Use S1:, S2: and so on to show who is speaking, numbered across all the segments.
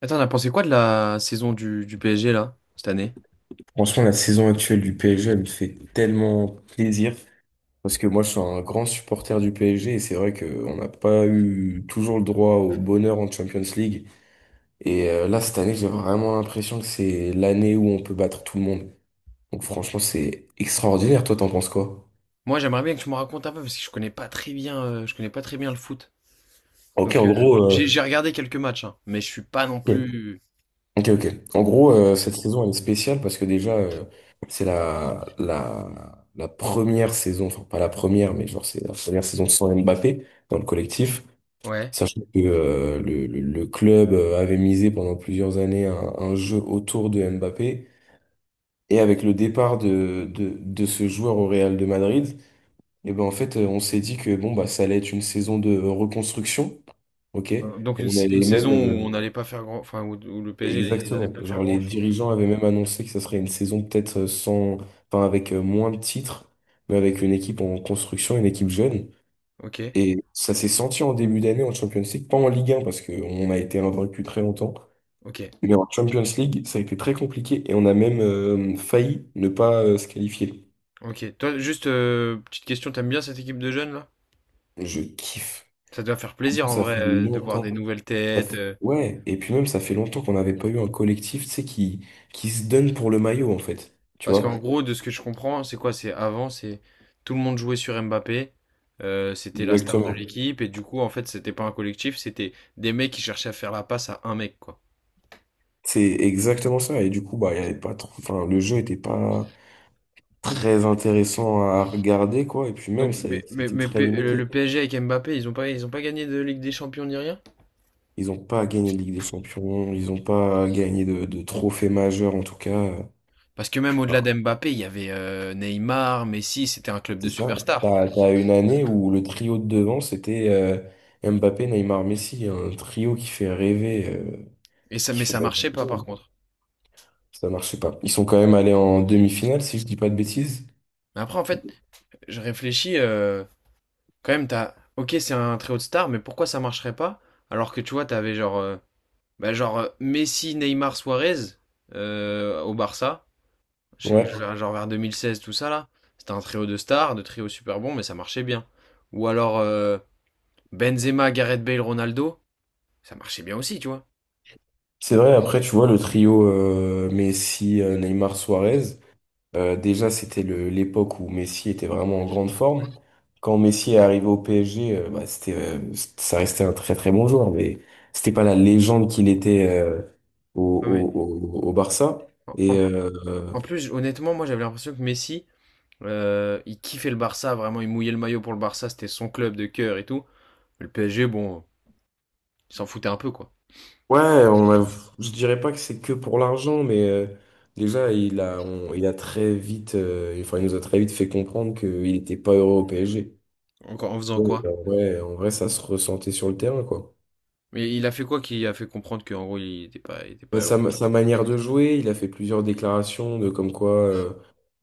S1: On a pensé quoi de la saison du PSG là, cette année?
S2: Franchement, la saison actuelle du PSG, elle me fait tellement plaisir parce que moi, je suis un grand supporter du PSG et c'est vrai qu'on n'a pas eu toujours le droit au bonheur en Champions League. Et là, cette année, j'ai vraiment l'impression que c'est l'année où on peut battre tout le monde. Donc, franchement, c'est extraordinaire. Toi, t'en penses quoi?
S1: Moi, j'aimerais bien que tu me racontes un peu parce que je connais pas très bien, je connais pas très bien le foot.
S2: Ok,
S1: Donc,
S2: en gros,
S1: j'ai j'ai regardé quelques matchs, hein, mais je suis pas non
S2: ok,
S1: plus.
S2: ok. Ok. En gros, cette saison, elle est spéciale parce que déjà, c'est la première saison, enfin, pas la première, mais genre, c'est la première saison sans Mbappé dans le collectif.
S1: Ouais.
S2: Sachant que le club avait misé pendant plusieurs années un jeu autour de Mbappé. Et avec le départ de ce joueur au Real de Madrid, et ben en fait, on s'est dit que bon, bah, ça allait être une saison de reconstruction. OK?
S1: Donc
S2: On
S1: une
S2: allait
S1: saison
S2: même.
S1: où on n'allait pas faire grand, enfin où le PSG n'allait
S2: Exactement.
S1: pas faire
S2: Genre, les
S1: grand-chose.
S2: dirigeants avaient même annoncé que ça serait une saison peut-être sans. Enfin, avec moins de titres, mais avec une équipe en construction, une équipe jeune.
S1: Ok,
S2: Et ça s'est senti en début d'année en Champions League, pas en Ligue 1, parce qu'on a été invaincu très longtemps.
S1: ok.
S2: Mais en Champions League, ça a été très compliqué et on a même failli ne pas se qualifier.
S1: Ok. Toi, juste petite question, t'aimes bien cette équipe de jeunes là?
S2: Je kiffe.
S1: Ça doit faire
S2: Parce
S1: plaisir
S2: que
S1: en
S2: ça
S1: vrai
S2: fait
S1: de voir des
S2: longtemps.
S1: nouvelles
S2: ça
S1: têtes.
S2: fait- Ouais, et puis même, ça fait longtemps qu'on n'avait pas eu un collectif, tu sais, qui se donne pour le maillot, en fait. Tu
S1: Parce qu'en
S2: vois?
S1: gros, de ce que je comprends, c'est quoi? C'est avant, c'est tout le monde jouait sur Mbappé. C'était la star de
S2: Exactement.
S1: l'équipe et du coup, en fait, c'était pas un collectif, c'était des mecs qui cherchaient à faire la passe à un mec quoi.
S2: C'est exactement ça. Et du coup, bah, il y avait pas trop... enfin, le jeu était pas très intéressant à regarder, quoi. Et puis même,
S1: Donc,
S2: c'était très
S1: Le
S2: limité.
S1: le PSG avec Mbappé, ils ont pas gagné de Ligue des Champions ni rien?
S2: Ils n'ont pas gagné de Ligue des Champions, ils n'ont pas gagné de trophée majeur, en tout cas.
S1: Parce que même
S2: euh.
S1: au-delà d'Mbappé, il y avait Neymar, Messi, c'était un club
S2: C'est
S1: de
S2: ça.
S1: superstars.
S2: T'as une année où le trio de devant, c'était Mbappé, Neymar, Messi. Un trio
S1: Et ça,
S2: qui
S1: mais
S2: fait
S1: ça
S2: rêver
S1: marchait
S2: tout
S1: pas
S2: le
S1: par
S2: monde.
S1: contre.
S2: Ça marchait pas. Ils sont quand même allés en demi-finale, si je dis pas de bêtises.
S1: Mais après, en fait, je réfléchis, quand même, t'as. Ok, c'est un trio de stars, mais pourquoi ça marcherait pas? Alors que tu vois, t'avais genre, Messi, Neymar, Suarez au Barça,
S2: Ouais.
S1: genre vers 2016, tout ça là. C'était un trio de stars, de trio super bon, mais ça marchait bien. Ou alors Benzema, Gareth Bale, Ronaldo, ça marchait bien aussi, tu vois.
S2: C'est vrai, après, tu vois, le trio Messi, Neymar, Suarez. Déjà, c'était l'époque où Messi était vraiment en grande forme. Quand Messi est arrivé au PSG, bah, ça restait un très très bon joueur, mais c'était pas la légende qu'il était
S1: Ah, mais
S2: au Barça.
S1: en,
S2: Et
S1: en- En plus, honnêtement, moi j'avais l'impression que Messi, il kiffait le Barça, vraiment, il mouillait le maillot pour le Barça, c'était son club de cœur et tout. Le PSG, bon, il s'en foutait un peu, quoi.
S2: ouais, on a, je dirais pas que c'est que pour l'argent, mais déjà il a très vite, enfin il nous a très vite fait comprendre qu'il n'était pas heureux au PSG.
S1: En, en faisant
S2: Donc
S1: quoi?
S2: ouais, en vrai, ça se ressentait sur le terrain, quoi.
S1: Mais il a fait quoi qui a fait comprendre qu'en gros il était pas
S2: Mais
S1: heureux?
S2: sa manière de jouer, il a fait plusieurs déclarations de comme quoi euh,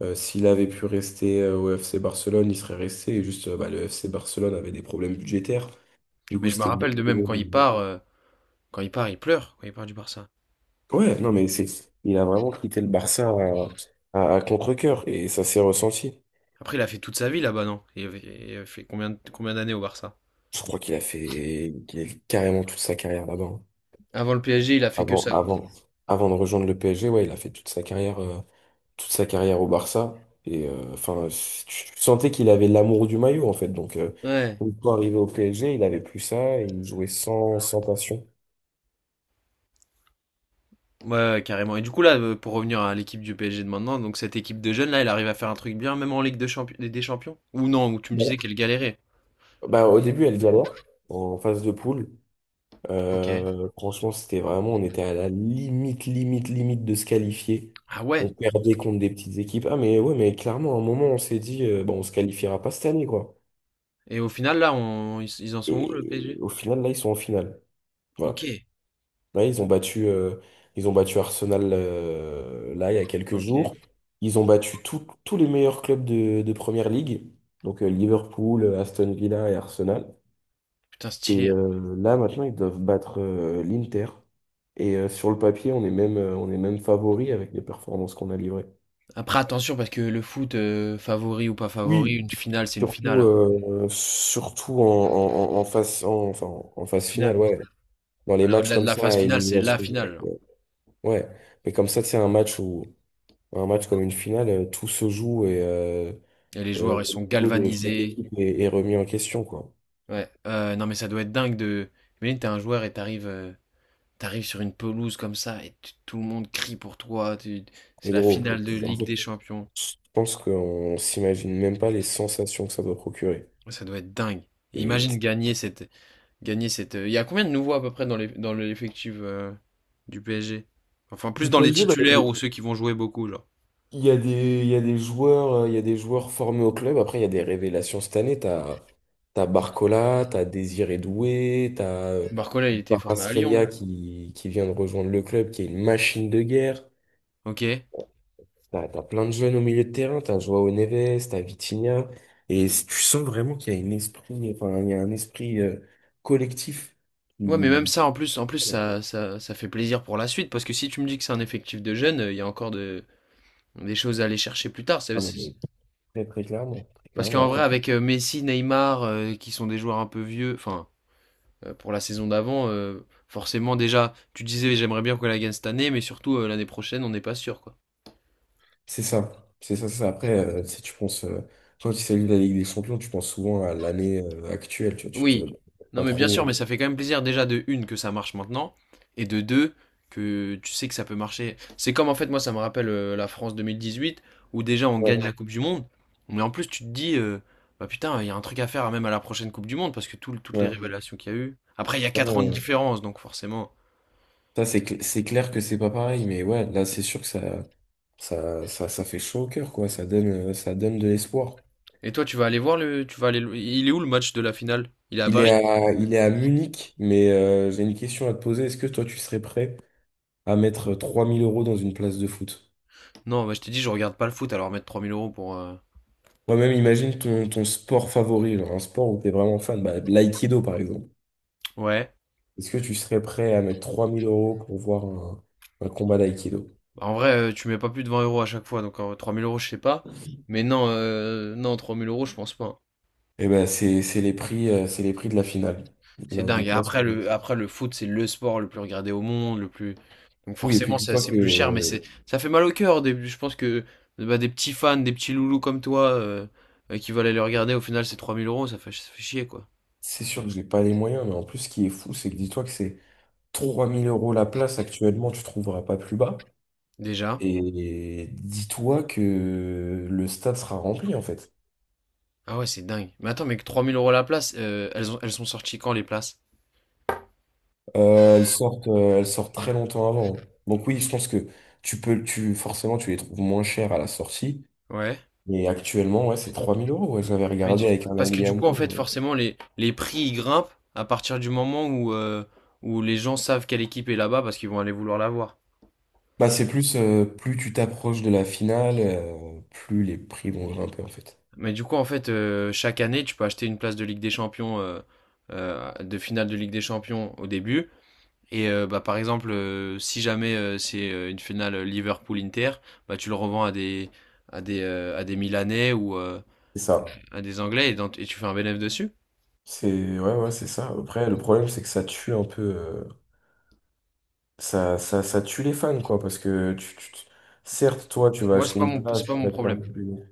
S2: euh, s'il avait pu rester au FC Barcelone, il serait resté. Et juste, bah, le FC Barcelone avait des problèmes budgétaires. Du
S1: Mais
S2: coup,
S1: je me
S2: c'était bon.
S1: rappelle de même quand il part, il pleure quand il part du Barça.
S2: Ouais, non, mais il a vraiment quitté le Barça à contre-cœur et ça s'est ressenti.
S1: Après, il a fait toute sa vie là-bas, non? Il a fait combien, combien d'années au Barça?
S2: Je crois qu'il a fait carrément toute sa carrière là-bas, hein.
S1: Avant le PSG, il a fait que
S2: Avant,
S1: ça, quoi.
S2: avant, Avant de rejoindre le PSG, ouais, il a fait toute sa carrière au Barça. Et enfin, tu sentais qu'il avait l'amour du maillot, en fait.
S1: Ouais.
S2: Donc, quand arrivé au PSG, il avait plus ça et il jouait sans passion.
S1: Ouais, ouais, carrément. Et du coup, là, pour revenir à l'équipe du PSG de maintenant, donc cette équipe de jeunes là, elle arrive à faire un truc bien, même en Ligue de Champions, des Champions? Ou non, où tu me
S2: Voilà.
S1: disais qu'elle galérait.
S2: Bah, au début, elle galère en phase de poule.
S1: Ok.
S2: Franchement, c'était vraiment, on était à la limite, limite, limite de se qualifier.
S1: Ah
S2: On
S1: ouais.
S2: perdait contre des petites équipes. Ah, mais ouais, mais clairement, à un moment, on s'est dit, bon, on se qualifiera pas cette année, quoi.
S1: Et au final, là, ils en sont où, le
S2: Et
S1: PSG?
S2: au final, là, ils sont en finale. Voilà.
S1: Ok.
S2: Ouais, ils ont battu Arsenal là il y a quelques jours.
S1: Ok.
S2: Ils ont battu tous les meilleurs clubs de Première Ligue, donc Liverpool, Aston Villa et Arsenal.
S1: Putain,
S2: Et
S1: stylé, hein.
S2: là maintenant ils doivent battre l'Inter. Et sur le papier on est même favori avec les performances qu'on a livrées.
S1: Après, attention, parce que le foot, favori ou pas favori,
S2: Oui.
S1: une finale, c'est une finale,
S2: Surtout,
S1: hein.
S2: surtout enfin, en
S1: En
S2: phase finale,
S1: finale.
S2: ouais. Dans les
S1: Voilà,
S2: matchs
S1: au-delà de
S2: comme
S1: la
S2: ça,
S1: phase
S2: à
S1: finale, c'est
S2: élimination
S1: la
S2: directe,
S1: finale.
S2: ouais. Ouais. Mais comme ça, c'est un match où Un match comme une finale, tout se joue et
S1: Et les joueurs, ils
S2: le
S1: sont
S2: niveau de chaque
S1: galvanisés.
S2: équipe est remis en question, quoi.
S1: Ouais. Non, mais ça doit être dingue de. Imagine, t'es un joueur et t'arrives sur une pelouse comme ça et tout le monde crie pour toi. Tu-
S2: Mais
S1: C'est la
S2: gros,
S1: finale de
S2: en
S1: Ligue
S2: fait,
S1: des Champions.
S2: je pense qu'on s'imagine même pas les sensations que ça doit procurer.
S1: Ouais, ça doit être dingue. Et
S2: Et
S1: imagine
S2: t-
S1: gagner cette. Gagner cette. Il y a combien de nouveaux à peu près dans les... dans l'effectif du PSG? Enfin, plus
S2: du
S1: dans les
S2: PSG, bah,
S1: titulaires ou ceux qui vont jouer beaucoup, genre.
S2: il y a des, il y a des joueurs, il y a des joueurs formés au club. Après, il y a des révélations cette année. T'as Barcola, t'as Désiré Doué, t'as
S1: Barcola, il était formé à Lyon,
S2: Kvaratskhelia
S1: non?
S2: qui vient de rejoindre le club, qui est une machine de guerre.
S1: Ok.
S2: T'as plein de jeunes au milieu de terrain, t'as Joao Neves, t'as Vitinha, et tu sens vraiment qu'il y a un esprit, enfin, il y a un esprit collectif
S1: Ouais, mais même
S2: qui...
S1: ça, en plus, ça fait plaisir pour la suite, parce que si tu me dis que c'est un effectif de jeunes, il y a encore de, des choses à aller chercher plus tard.
S2: Ah non, mais très, très
S1: Parce
S2: clairement,
S1: qu'en
S2: après,
S1: vrai, avec Messi, Neymar, qui sont des joueurs un peu vieux, enfin, pour la saison d'avant, forcément, déjà, tu disais, j'aimerais bien qu'on la gagne cette année, mais surtout, l'année prochaine, on n'est pas sûr, quoi.
S2: c'est ça, c'est ça, c'est ça. Après, si tu penses, toi qui salues la Ligue des Champions, tu penses souvent à l'année actuelle, tu vois, tu te...
S1: Oui, non
S2: pas
S1: mais bien
S2: trop...
S1: sûr, mais ça fait quand même plaisir déjà de une que ça marche maintenant, et de deux que tu sais que ça peut marcher. C'est comme en fait moi ça me rappelle la France 2018 où déjà on gagne
S2: Ouais,
S1: la Coupe du Monde, mais en plus tu te dis bah putain il y a un truc à faire même à la prochaine Coupe du Monde parce que toutes les
S2: ouais,
S1: révélations qu'il y a eu. Après il y a
S2: ouais,
S1: 4 ans de
S2: ouais.
S1: différence donc forcément.
S2: Ça, c'est clair que c'est pas pareil, mais ouais, là, c'est sûr que ça fait chaud au cœur, quoi, ça donne de l'espoir.
S1: Et toi tu vas aller voir le, tu vas aller, le- il est où le match de la finale? Il est à Paris?
S2: Il est à Munich, mais j'ai une question à te poser. Est-ce que toi, tu serais prêt à mettre 3 000 € dans une place de foot?
S1: Non, bah, je t'ai dit je regarde pas le foot alors mettre 3000 euros pour.
S2: Moi-même, imagine ton sport favori, genre un sport où tu es vraiment fan, bah, l'aïkido par exemple.
S1: Ouais.
S2: Est-ce que tu serais prêt à mettre 3000 euros pour voir un combat d'aïkido?
S1: Bah, en vrai, tu mets pas plus de 20 euros à chaque fois, donc 3000 euros, je sais pas. Mais non, 3000 euros, je pense pas, hein.
S2: Eh ben, c'est les prix de la finale.
S1: C'est
S2: Là,
S1: dingue. Et après le foot, c'est le sport le plus regardé au monde, le plus. Donc
S2: oui, et puis
S1: forcément, ça,
S2: dis-toi
S1: c'est
S2: que
S1: plus cher, ça fait mal au cœur au début. Je pense que bah, des petits fans, des petits loulous comme toi, qui veulent aller le regarder, au final, c'est 3000 euros, ça fait chier, quoi.
S2: c'est sûr que j'ai pas les moyens, mais en plus, ce qui est fou, c'est que dis-toi que c'est 3000 euros la place actuellement, tu trouveras pas plus bas.
S1: Déjà.
S2: Et dis-toi que le stade sera rempli en fait.
S1: Ah ouais, c'est dingue. Mais attends, mais que 3000 euros la place, elles sont sorties quand les places?
S2: Elles sortent très longtemps avant, hein. Donc oui, je pense que tu forcément, tu les trouves moins chères à la sortie.
S1: Ouais.
S2: Mais actuellement, ouais, c'est 3000 euros. Ouais, j'avais
S1: Mais
S2: regardé avec un
S1: parce que
S2: ami
S1: du
S2: à
S1: coup, en
S2: moi.
S1: fait, forcément, les prix ils grimpent à partir du moment où, où les gens savent quelle équipe est là-bas parce qu'ils vont aller vouloir la voir.
S2: Bah, plus tu t'approches de la finale, plus les prix vont grimper en fait.
S1: Mais du coup, en fait, chaque année, tu peux acheter une place de Ligue des Champions, de finale de Ligue des Champions au début. Et bah, par exemple, si jamais c'est une finale Liverpool-Inter, bah, tu le revends à des, à des Milanais ou
S2: C'est ça.
S1: à des Anglais et tu fais un bénéfice dessus.
S2: C'est ça. Après, le problème, c'est que ça tue un peu. Ça tue les fans, quoi, parce que certes, toi, tu vas
S1: Moi,
S2: acheter une
S1: c'est
S2: place,
S1: pas
S2: tu
S1: mon
S2: vas te faire
S1: problème.
S2: du pognon.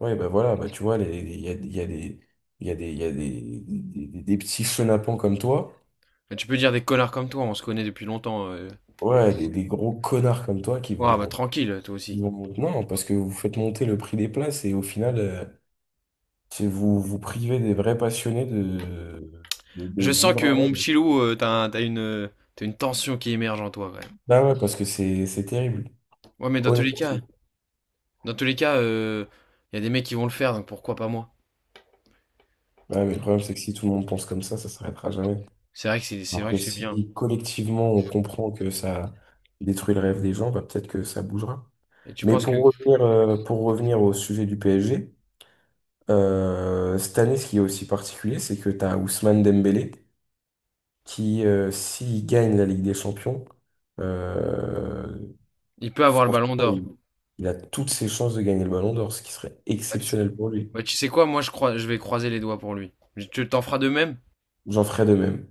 S2: Ouais, bah voilà, bah tu vois, il y a des, il y a des, des petits chenapans comme toi,
S1: Mais tu peux dire des connards comme toi, on se connaît depuis longtemps.
S2: ouais, des gros connards comme toi
S1: Ouais bah, tranquille, toi aussi.
S2: non, parce que vous faites monter le prix des places et au final, c'est vous, vous privez des vrais passionnés
S1: Je
S2: de
S1: sens
S2: vivre
S1: que
S2: un
S1: mon
S2: rêve.
S1: petit loup, t'as une tension qui émerge en toi, quand même.
S2: Bah ouais, parce que c'est terrible.
S1: Ouais, mais
S2: Honnêtement,
S1: dans tous les cas, il y a des mecs qui vont le faire, donc pourquoi pas moi?
S2: bah ouais, mais le problème, c'est que si tout le monde pense comme ça s'arrêtera jamais.
S1: C'est
S2: Alors
S1: vrai
S2: que
S1: que c'est bien.
S2: si collectivement on comprend que ça détruit le rêve des gens, bah, peut-être que ça bougera.
S1: Et tu
S2: Mais
S1: penses que
S2: pour revenir au sujet du PSG, cette année, ce qui est aussi particulier, c'est que tu as Ousmane Dembélé qui, s'il gagne la Ligue des Champions, euh,
S1: il peut avoir le
S2: franchement,
S1: ballon d'or?
S2: il a toutes ses chances de gagner le Ballon d'Or, ce qui serait
S1: Bah, t-
S2: exceptionnel pour lui.
S1: Bah, tu sais quoi, moi je crois, je vais croiser les doigts pour lui. Je- Tu t'en feras de même?
S2: J'en ferais de même.